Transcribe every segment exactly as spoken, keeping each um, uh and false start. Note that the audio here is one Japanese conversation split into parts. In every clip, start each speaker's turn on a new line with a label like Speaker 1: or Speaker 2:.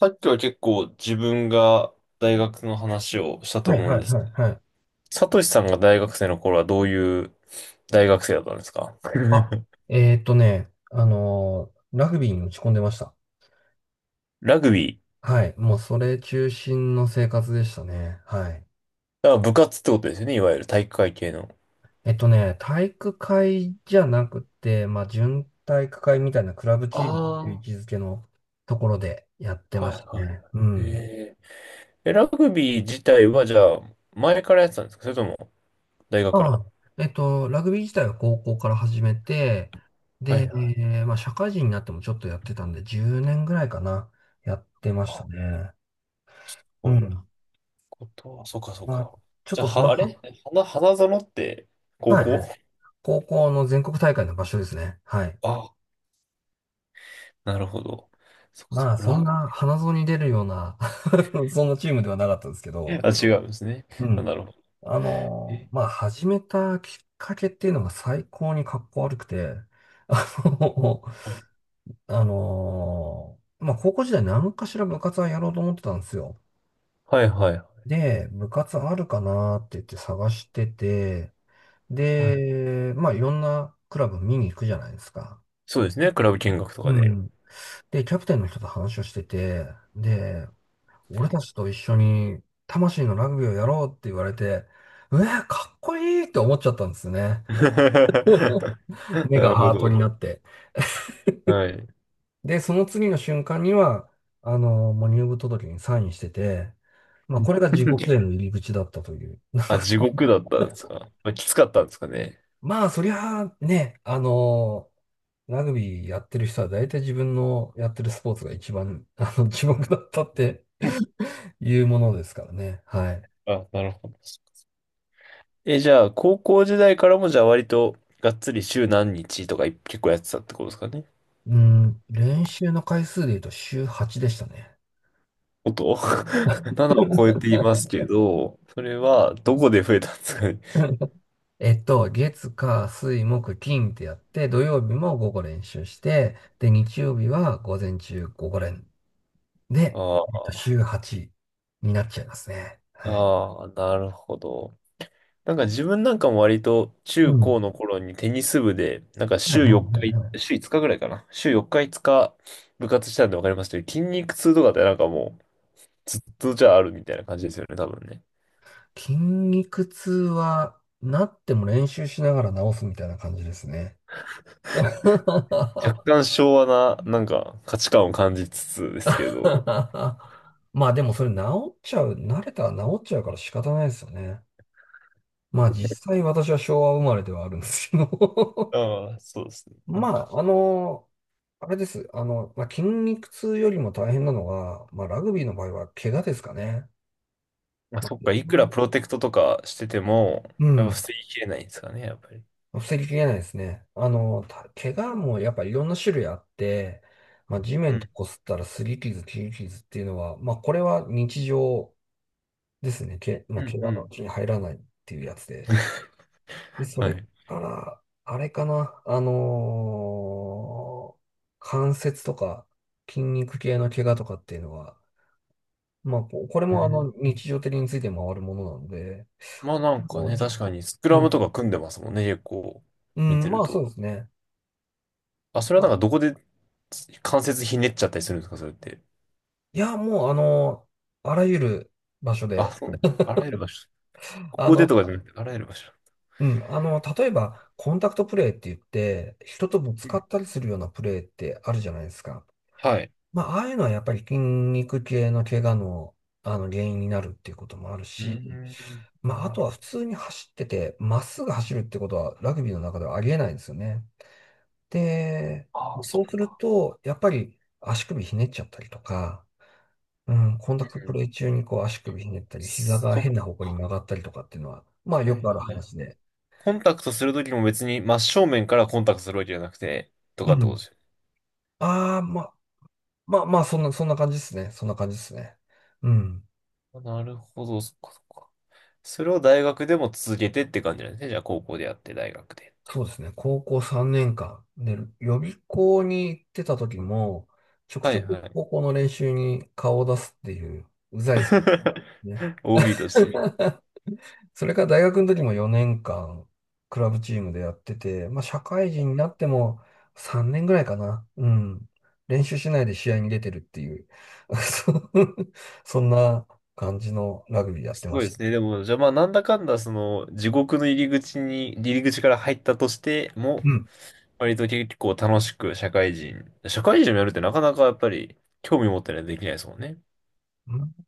Speaker 1: さっきは結構自分が大学の話をしたと
Speaker 2: はい
Speaker 1: 思う
Speaker 2: は
Speaker 1: ん
Speaker 2: い
Speaker 1: です。
Speaker 2: はいはい。
Speaker 1: サトシさんが大学生の頃はどういう大学生だったんですか？
Speaker 2: あ、えーっとね、あのーラグビーに打ち込んでました。
Speaker 1: ラグビー。
Speaker 2: はい。もうそれ中心の生活でしたね。はい。
Speaker 1: だから部活ってことですよね、いわゆる体育会系の。
Speaker 2: えっとね、体育会じゃなくて、まあ、準体育会みたいなクラブチームという位
Speaker 1: あ
Speaker 2: 置づけのところでやっ
Speaker 1: あ、
Speaker 2: て
Speaker 1: は
Speaker 2: ま
Speaker 1: い
Speaker 2: し
Speaker 1: は
Speaker 2: た
Speaker 1: いは
Speaker 2: ね。う
Speaker 1: い。
Speaker 2: ん。
Speaker 1: えー、えラグビー自体はじゃあ前からやってたんですか？それとも大学か
Speaker 2: ま
Speaker 1: ら？
Speaker 2: あ、えっと、ラグビー自体は高校から始めて、
Speaker 1: は
Speaker 2: で、
Speaker 1: いはい。
Speaker 2: まあ、社会人になってもちょっとやってたんで、じゅうねんぐらいかな、やってました
Speaker 1: あ、
Speaker 2: ね。
Speaker 1: す
Speaker 2: う
Speaker 1: ごいな。
Speaker 2: ん。
Speaker 1: ことは、そっかそっ
Speaker 2: まあ
Speaker 1: か。
Speaker 2: ちょっ
Speaker 1: じゃあ、
Speaker 2: とその
Speaker 1: は、あれ、花、花園って高
Speaker 2: はいはい。
Speaker 1: 校？
Speaker 2: 高校の全国大会の場所ですね。はい。
Speaker 1: あ、なるほど。そっかそ
Speaker 2: ま
Speaker 1: っ
Speaker 2: あ、
Speaker 1: か。
Speaker 2: そん
Speaker 1: ラ
Speaker 2: な花園に出るような そんなチームではなかったんですけ ど、
Speaker 1: あ、違うんですね。
Speaker 2: う
Speaker 1: あ、
Speaker 2: ん。
Speaker 1: なるほど。
Speaker 2: あの
Speaker 1: え、
Speaker 2: まあ、始めたきっかけっていうのが最高にかっこ悪くて、あの
Speaker 1: はい、
Speaker 2: あのまあ、高校時代何かしら部活はやろうと思ってたんですよ。
Speaker 1: はい、
Speaker 2: で、部活あるかなって言って探してて、
Speaker 1: はい。
Speaker 2: で、まあ、いろんなクラブ見に行くじゃないですか。
Speaker 1: そうですね。クラブ見学と
Speaker 2: う
Speaker 1: かで。
Speaker 2: ん。で、キャプテンの人と話をしてて、で、俺たちと一緒に魂のラグビーをやろうって言われて、うわ、かっこいいって思っちゃったんですよね。目
Speaker 1: な
Speaker 2: が
Speaker 1: るほ
Speaker 2: ハート
Speaker 1: ど。
Speaker 2: になって。
Speaker 1: はい。
Speaker 2: で、その次の瞬間には、あの、もう入部届にサインしてて、まあ、これが地獄への入り口だったという。なん
Speaker 1: あ、
Speaker 2: か
Speaker 1: 地獄だったんですか？まあ、きつかったんですかね。
Speaker 2: まあ、そりゃあね、あのーラグビーやってる人は大体自分のやってるスポーツが一番、あの、地獄だったっていうものですからね。はい。
Speaker 1: あ、なるほど。え、じゃあ、高校時代からも、じゃあ、割と、がっつり週何日とか結構やってたってことですかね。
Speaker 2: うん、練習の回数で言うと週はちでしたね。
Speaker 1: 音 ななを超えていますけど、それはどこで増えたんですかね。
Speaker 2: えっと、月、火、水、木、金ってやって、土曜日も午後練習して、で、日曜日は午前中午後練。で、えっと、
Speaker 1: あ
Speaker 2: 週はちになっちゃいますね。
Speaker 1: あ、
Speaker 2: はい。
Speaker 1: ああ、なるほど。なんか自分なんかも割と
Speaker 2: う
Speaker 1: 中
Speaker 2: ん。
Speaker 1: 高の頃にテニス部で、なんか
Speaker 2: はいは
Speaker 1: 週
Speaker 2: い
Speaker 1: 4
Speaker 2: は
Speaker 1: 日、
Speaker 2: いはい。
Speaker 1: 週いつかぐらいかな。週よっかいつか部活したんでわかりますけど、筋肉痛とかってなんかもうずっとじゃああるみたいな感じですよね、多分ね。
Speaker 2: 筋肉痛は、なっても練習しながら治すみたいな感じですね。
Speaker 1: 若 干昭和ななんか価値観を感じつつですけど。
Speaker 2: まあでもそれ治っちゃう、慣れたら治っちゃうから仕方ないですよね。まあ実際私は昭和生まれではあるんですけど
Speaker 1: ああ、そうですね。な
Speaker 2: ま
Speaker 1: んか、
Speaker 2: あ、あの、あれです。あの、まあ、筋肉痛よりも大変なのが、まあラグビーの場合は怪我ですかね。
Speaker 1: まあ
Speaker 2: まあ、
Speaker 1: そっか、
Speaker 2: 怪
Speaker 1: いくら
Speaker 2: 我
Speaker 1: プロテクトとかしてても、
Speaker 2: う
Speaker 1: やっぱ
Speaker 2: ん。
Speaker 1: 防ぎきれないんですかね、やっぱり。
Speaker 2: 防ぎきれないですね。あの、た怪我もやっぱいろんな種類あって、まあ地
Speaker 1: う
Speaker 2: 面と
Speaker 1: ん、
Speaker 2: 擦ったら擦り傷、切り傷っていうのは、まあこれは日常ですね。け、
Speaker 1: う
Speaker 2: まあ
Speaker 1: ん、
Speaker 2: 怪我
Speaker 1: う
Speaker 2: のう
Speaker 1: ん。
Speaker 2: ちに入らないっていうやつで。で、そ
Speaker 1: は
Speaker 2: れ
Speaker 1: い。
Speaker 2: から、あれかな、あのー関節とか筋肉系の怪我とかっていうのは、まあ、ここれ
Speaker 1: う
Speaker 2: もあ
Speaker 1: ん、
Speaker 2: の日常的について回るものなので、
Speaker 1: まあ
Speaker 2: こ
Speaker 1: なんか
Speaker 2: こ
Speaker 1: ね、
Speaker 2: に
Speaker 1: 確かにスク
Speaker 2: う
Speaker 1: ラ
Speaker 2: ん、
Speaker 1: ムとか組んでますもんね、結構
Speaker 2: う
Speaker 1: 見て
Speaker 2: ん、ま
Speaker 1: る
Speaker 2: あそ
Speaker 1: と。
Speaker 2: うですね。
Speaker 1: あ、それは
Speaker 2: ま
Speaker 1: なん
Speaker 2: あ、
Speaker 1: かどこで関節ひねっちゃったりするんですか、それって。
Speaker 2: いや、もうあのーあらゆる場所
Speaker 1: あ、
Speaker 2: で、
Speaker 1: そう。あらゆる場所。こ
Speaker 2: あ
Speaker 1: こで
Speaker 2: の、
Speaker 1: とかじゃなくて、あらゆる場所。
Speaker 2: うん、あの、例えば、コンタクトプレーって言って、人とぶつ
Speaker 1: う
Speaker 2: か
Speaker 1: ん
Speaker 2: ったりするようなプレーってあるじゃないですか。
Speaker 1: はい。
Speaker 2: まあ、ああいうのはやっぱり筋肉系の怪我の、あの原因になるっていうこともある
Speaker 1: うー
Speaker 2: し、
Speaker 1: ん、
Speaker 2: ま
Speaker 1: な
Speaker 2: あ、あ
Speaker 1: る
Speaker 2: と
Speaker 1: ほ
Speaker 2: は普通に走ってて、まっすぐ走るってことはラグビーの中ではありえないんですよね。で、
Speaker 1: ど。ああ、そ
Speaker 2: そ
Speaker 1: っ
Speaker 2: うする
Speaker 1: か。
Speaker 2: と、やっぱり足首ひねっちゃったりとか、うん、コンタ
Speaker 1: う
Speaker 2: クトプ
Speaker 1: ん
Speaker 2: レー中にこう足首ひねったり、膝が
Speaker 1: そっ
Speaker 2: 変な方向に曲がったりとかっていうのは、まあ
Speaker 1: か。は
Speaker 2: よ
Speaker 1: い、
Speaker 2: くある
Speaker 1: はい。
Speaker 2: 話で。
Speaker 1: コンタクトするときも別に真正面からコンタクトするわけじゃなくて、と
Speaker 2: う
Speaker 1: かってことで
Speaker 2: ん。
Speaker 1: すよ。
Speaker 2: ああ、まあ、まあ、まあ、そんな、そんな感じですね。そんな感じですね。うん。
Speaker 1: あなるほど、そっかそっか。それを大学でも続けてって感じなんですね。じゃあ高校でやって、大学で。
Speaker 2: そうですね。高校さんねんかん。で、予備校に行ってた時も、ちょく
Speaker 1: は
Speaker 2: ちょ
Speaker 1: い
Speaker 2: く
Speaker 1: はい。
Speaker 2: 高校の練習に顔を出すっていう、うざいですね。
Speaker 1: オービー として。
Speaker 2: それから大学の時もよねんかん、クラブチームでやってて、まあ社会人になってもさんねんぐらいかな。うん。練習しないで試合に出てるっていう、そうそんな感じのラグビーやっ
Speaker 1: す
Speaker 2: てま
Speaker 1: ごいで
Speaker 2: した。
Speaker 1: すね。でも、じゃあまあ、なんだかんだ、その、地獄の入り口に、入り口から入ったとしても、
Speaker 2: うん。
Speaker 1: 割と結構楽しく社会人、社会人をやるってなかなかやっぱり、興味持ってないとできないですもんね。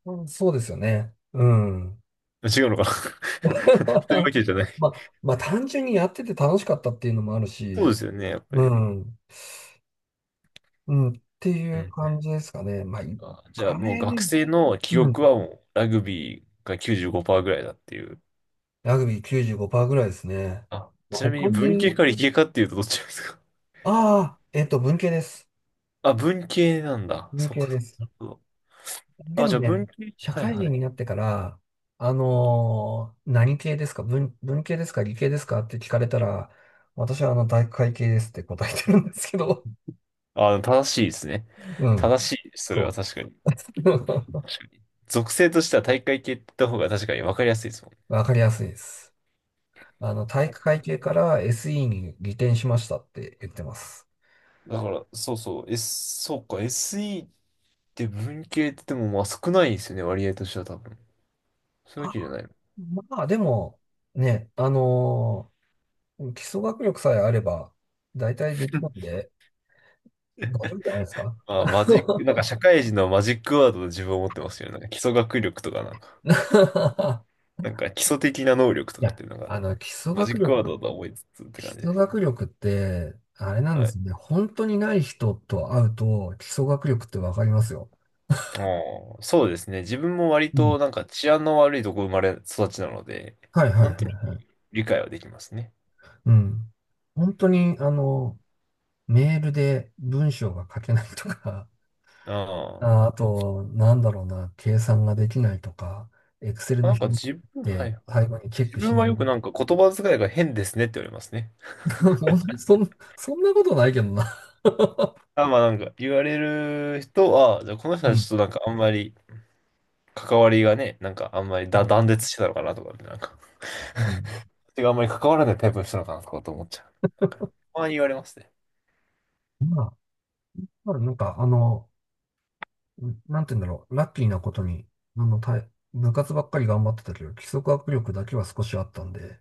Speaker 2: うんそうですよね。うん。
Speaker 1: 違うのかな そういうわけ じゃない。
Speaker 2: まあ、まあ単純にやってて楽しかったっていうのもある
Speaker 1: そう
Speaker 2: し、
Speaker 1: ですよね、やっぱ
Speaker 2: う
Speaker 1: り。
Speaker 2: ん、うん、って
Speaker 1: う
Speaker 2: いう
Speaker 1: ん。
Speaker 2: 感じですかね。まあ、い
Speaker 1: あじゃあ
Speaker 2: あ
Speaker 1: もう
Speaker 2: れ
Speaker 1: 学
Speaker 2: ね、
Speaker 1: 生の記
Speaker 2: うん、
Speaker 1: 憶はもう、ラグビーがきゅうじゅうごパーセントぐらいだっていう。
Speaker 2: ラグビーきゅうじゅうごパーセントぐらいですね。
Speaker 1: あ、
Speaker 2: まあ
Speaker 1: ちなみ
Speaker 2: 他
Speaker 1: に文系
Speaker 2: に、
Speaker 1: か理系かっていうとどっちですか？
Speaker 2: ああ、えっと、文系です。
Speaker 1: あ、文系なんだ。
Speaker 2: 文
Speaker 1: そう
Speaker 2: 系
Speaker 1: か、
Speaker 2: で
Speaker 1: そうか。
Speaker 2: す。
Speaker 1: なるほど。
Speaker 2: で
Speaker 1: あ、
Speaker 2: も
Speaker 1: じゃあ文
Speaker 2: ね、
Speaker 1: 系、
Speaker 2: 社
Speaker 1: はい
Speaker 2: 会
Speaker 1: は
Speaker 2: 人
Speaker 1: い。
Speaker 2: になってから、あのー何系ですか文、文系ですか理系ですかって聞かれたら、私はあの、大会系ですって答えてるんですけど、
Speaker 1: あ、正しいですね。
Speaker 2: うん、
Speaker 1: 正しいです。それは
Speaker 2: そ
Speaker 1: 確かに。
Speaker 2: う。
Speaker 1: 確かに。属性としては大会系って言った方が確かに分かりやすいですもん。
Speaker 2: わかりやすいです。あの、体育会系から エスイー に移転しましたって言ってます。
Speaker 1: だから、そうそう、S、そうか、エスイー って文系って言っても、まあ少ないですよね、割合としては多分。そういうわ
Speaker 2: あ、
Speaker 1: けじゃないの。
Speaker 2: まあ、でも、ね、あのー基礎学力さえあれば、大体できるんで、大丈夫じゃないですか。
Speaker 1: まあ、マジック、なんか社会人のマジックワードで自分を持ってますよね。なんか基礎学力とかなんか、なんか基礎的な能力と
Speaker 2: い
Speaker 1: かっ
Speaker 2: や、
Speaker 1: ていうのが、
Speaker 2: あの、基礎
Speaker 1: マジ
Speaker 2: 学
Speaker 1: ックワード
Speaker 2: 力、
Speaker 1: だと思いつつって
Speaker 2: 基
Speaker 1: 感じで
Speaker 2: 礎
Speaker 1: す
Speaker 2: 学
Speaker 1: ね。
Speaker 2: 力って、あれなん
Speaker 1: は
Speaker 2: で
Speaker 1: い。
Speaker 2: すね。本当にない人と会うと、基礎学力ってわかりますよ。
Speaker 1: あーそうですね。自分も割
Speaker 2: う
Speaker 1: と
Speaker 2: ん
Speaker 1: なんか治安の悪いとこ生まれ育ちなので、
Speaker 2: はいはいは
Speaker 1: なんと
Speaker 2: いはい。
Speaker 1: 理解はできますね。
Speaker 2: うん。本当に、あの、メールで文章が書けないとか
Speaker 1: ああ。
Speaker 2: あ、あと、なんだろうな、計算ができないとか、エクセルの
Speaker 1: なん
Speaker 2: 表
Speaker 1: か
Speaker 2: っ
Speaker 1: 自分、はい
Speaker 2: て
Speaker 1: はい。
Speaker 2: 最後にチェッ
Speaker 1: 自
Speaker 2: クし
Speaker 1: 分
Speaker 2: な
Speaker 1: は
Speaker 2: い。
Speaker 1: よくなんか言葉遣いが変ですねって言われますね。
Speaker 2: 本当にそん、そんなことないけどな。
Speaker 1: あ、まあなんか言われる人は、あじゃあこの人
Speaker 2: う
Speaker 1: はちょ
Speaker 2: ん。
Speaker 1: っとなんかあんまり関わりがね、なんかあんまり
Speaker 2: う
Speaker 1: だ
Speaker 2: ん。
Speaker 1: 断絶してたのかなとか、なんか、
Speaker 2: うん
Speaker 1: 手があんまり関わらないタイプの人なのかなとかと思っちゃう。なんかたまに言われますね。
Speaker 2: まあ、まあ、なんか、あの、なんて言うんだろう、ラッキーなことに、あの、たい部活ばっかり頑張ってたけど、基礎学力だけは少しあったんで、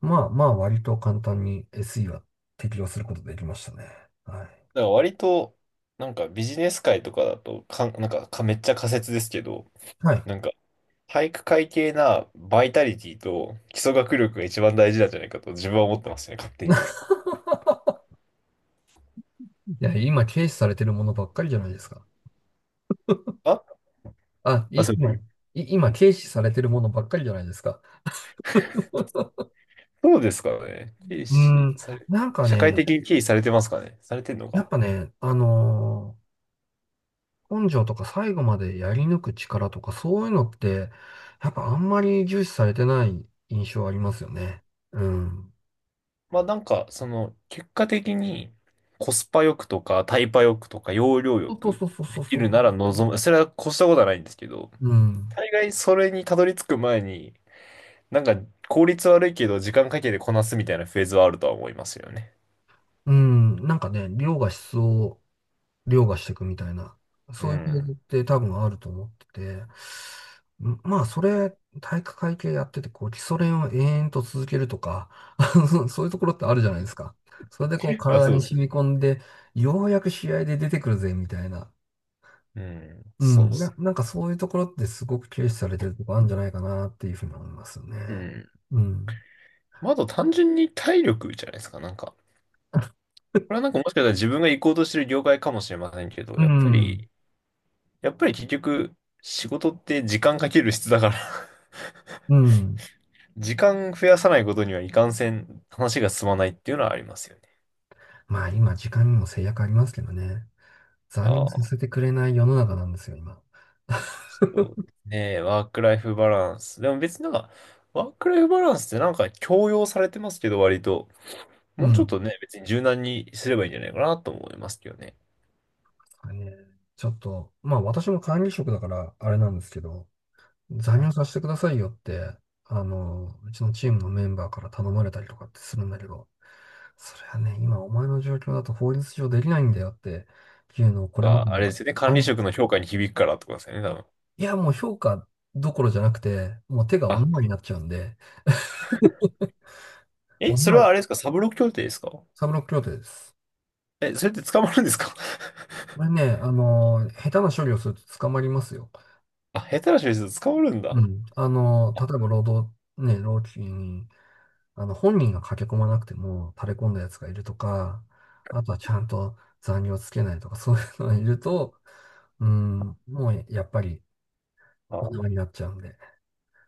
Speaker 2: まあまあ、割と簡単に エスイー は適用することできましたね。はい。
Speaker 1: だから割と、なんかビジネス界とかだとかん、なんかかめっちゃ仮説ですけど、
Speaker 2: はい。
Speaker 1: なんか体育会系なバイタリティと基礎学力が一番大事なんじゃないかと自分は思ってますね、勝手に。
Speaker 2: いや、今軽視されてるものばっかりじゃないですか。
Speaker 1: あ、
Speaker 2: あ、
Speaker 1: まあ、
Speaker 2: い、
Speaker 1: それ
Speaker 2: 今、い、
Speaker 1: で、
Speaker 2: 今軽視されてるものばっかりじゃないですか。
Speaker 1: そうですからね。軽
Speaker 2: うー
Speaker 1: 視
Speaker 2: ん、
Speaker 1: され、
Speaker 2: なんか
Speaker 1: 社会
Speaker 2: ね、
Speaker 1: 的に軽視されてますかね、されてんの
Speaker 2: やっ
Speaker 1: か。
Speaker 2: ぱね、あのー根性とか最後までやり抜く力とかそういうのって、やっぱあんまり重視されてない印象ありますよね。うん。
Speaker 1: まあなんか、その、結果的にコスパ欲くとかタイパ欲くとか容量
Speaker 2: そう
Speaker 1: 欲く
Speaker 2: そうそうそ
Speaker 1: で
Speaker 2: う
Speaker 1: き
Speaker 2: そう
Speaker 1: るなら
Speaker 2: そ
Speaker 1: 望む。それは越したことはないんですけど、
Speaker 2: う。うん。
Speaker 1: 大概それにたどり着く前に、なんか効率悪いけど時間かけてこなすみたいなフェーズはあるとは思いますよね。
Speaker 2: うん。なんかね、量が質を凌駕していくみたいな、
Speaker 1: う
Speaker 2: そういうフェーズっ
Speaker 1: ん。
Speaker 2: て多分あると思ってて、んまあ、それ、体育会系やってて、こう、基礎練を延々と続けるとか、そうそういうところってあるじゃないですか。それでこう、
Speaker 1: あ、
Speaker 2: 体
Speaker 1: そうで
Speaker 2: に
Speaker 1: す
Speaker 2: 染み
Speaker 1: ね。
Speaker 2: 込んで、ようやく試合で出てくるぜ、みたいな。
Speaker 1: うん、
Speaker 2: う
Speaker 1: そうっ
Speaker 2: ん、な、
Speaker 1: す。
Speaker 2: なんかそういうところってすごく軽視されてるとこあるんじゃないかなっていうふうに思いますよね。
Speaker 1: うん。
Speaker 2: うん。
Speaker 1: まあ、あと単純に体力じゃないですか、なんか。これはなんかもしかしたら自分が行こうとしてる業界かもしれませんけど、
Speaker 2: う
Speaker 1: やっぱ
Speaker 2: ん。
Speaker 1: り、やっぱり結局、仕事って時間かける質だから
Speaker 2: うん。
Speaker 1: 時間増やさないことにはいかんせん話が進まないっていうのはありますよね。
Speaker 2: まあ今時間にも制約ありますけどね。残業さ
Speaker 1: あ
Speaker 2: せ
Speaker 1: あ、
Speaker 2: てくれない世の中なんですよ、今。
Speaker 1: そうですね。ワークライフバランス。でも別になんか、ワークライフバランスってなんか強要されてますけど、割と。
Speaker 2: う
Speaker 1: もうちょっ
Speaker 2: ん。
Speaker 1: とね、別に柔軟にすればいいんじゃないかなと思いますけどね。はい
Speaker 2: はいねちょっと、まあ私も管理職だからあれなんですけど、残業させてくださいよって、あの、うちのチームのメンバーから頼まれたりとかってするんだけど、それはね、今お前の状況だと法律上できないんだよっていうのをこれまで
Speaker 1: が、あれで
Speaker 2: ね、
Speaker 1: すよね。管
Speaker 2: あ
Speaker 1: 理
Speaker 2: ん、
Speaker 1: 職の評価に響くからってことですよね、多分。
Speaker 2: いやもう評価どころじゃなくて、もう手がお
Speaker 1: あ、
Speaker 2: 縄になっちゃうんで、
Speaker 1: え、
Speaker 2: お
Speaker 1: それは
Speaker 2: 縄、
Speaker 1: あれですかサブロク協定ですか？
Speaker 2: サブロック協定です。
Speaker 1: え、それって捕まるんですか？
Speaker 2: これね、あの、下手な処理をすると捕まりますよ。
Speaker 1: あ、下手な人ですと捕まるん
Speaker 2: う
Speaker 1: だ。
Speaker 2: ん。あの、例え
Speaker 1: あ、
Speaker 2: ば労働、ね、労基に、あの、本人が駆け込まなくても垂れ込んだやつがいるとか、あとはちゃんと残業つけないとか、そういうのがいると、うん、もうやっぱりお縄になっちゃうんで、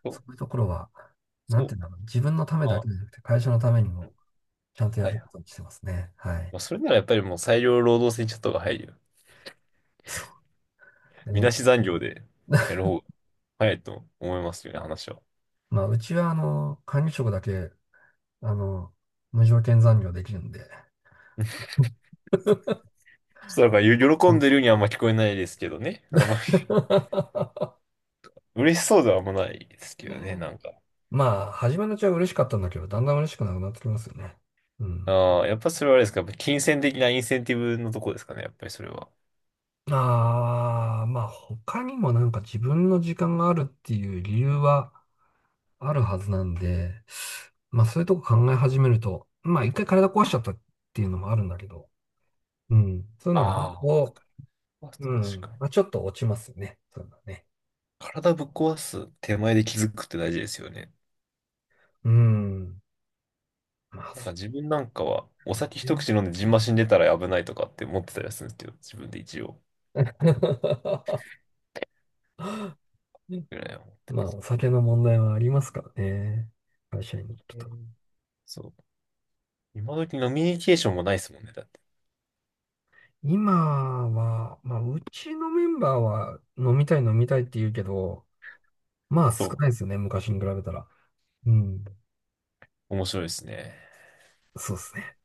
Speaker 1: そうか
Speaker 2: そ
Speaker 1: そ
Speaker 2: ういう
Speaker 1: う
Speaker 2: ところは、なんて
Speaker 1: そ
Speaker 2: いうのかな、自分のた
Speaker 1: う
Speaker 2: め
Speaker 1: ま
Speaker 2: だ
Speaker 1: あ、
Speaker 2: けじゃなくて、会社のために
Speaker 1: うん
Speaker 2: もちゃんとや
Speaker 1: はい
Speaker 2: る
Speaker 1: は
Speaker 2: こと
Speaker 1: い。
Speaker 2: にしてますね。はい。
Speaker 1: まあ、それならやっぱりもう裁量労働制にちょっとが入るよね。
Speaker 2: そうで
Speaker 1: み
Speaker 2: ね、
Speaker 1: なし残業でやる方が早いと思いますよね、話は。
Speaker 2: まあ、うちは、あの、管理職だけ、あの、無条件残業できるんで、
Speaker 1: そう、だからよ喜
Speaker 2: う
Speaker 1: ん
Speaker 2: ん
Speaker 1: でるようにはあんま聞こえないですけどね。あんまり 嬉しそうではあんまないですけどね、なんか。
Speaker 2: まあ、初めのうちは嬉しかったんだけど、だんだん嬉しくなくなってきますよね。うん。
Speaker 1: ああ、やっぱそれはあれですか、やっぱ金銭的なインセンティブのとこですかね、やっぱりそれは。
Speaker 2: ああ、まあ、他にもなんか自分の時間があるっていう理由はあるはずなんで、まあ、そういうとこ考え始めると、まあ、一回体壊しちゃったっていうのもあるんだけど、うん。そういうのがね、
Speaker 1: ああ。
Speaker 2: こ
Speaker 1: まあ
Speaker 2: う、う
Speaker 1: 確か
Speaker 2: ん。
Speaker 1: に。
Speaker 2: まあ、ちょっと落ちますよね。そういうのはね。
Speaker 1: 体ぶっ壊す手前で気づくって大事ですよね。
Speaker 2: うん。まあ、
Speaker 1: なん
Speaker 2: そ
Speaker 1: か自分なんかは、お
Speaker 2: う
Speaker 1: 酒一
Speaker 2: ね。
Speaker 1: 口飲んでジンマシン出たら危ないとかって思ってたりするんですけど、自分で一応 ぐらいは思って
Speaker 2: まあ、お酒の問題はありますからね。会社員。
Speaker 1: る。うんそう。今時飲みニケーションもないですもんね、だって。
Speaker 2: 今は、まあ、うちのメンバーは飲みたい飲みたいって言うけど、まあ少
Speaker 1: そ
Speaker 2: ないですよね、昔に比べたら。うん。
Speaker 1: う。面白いですね。
Speaker 2: そうですね。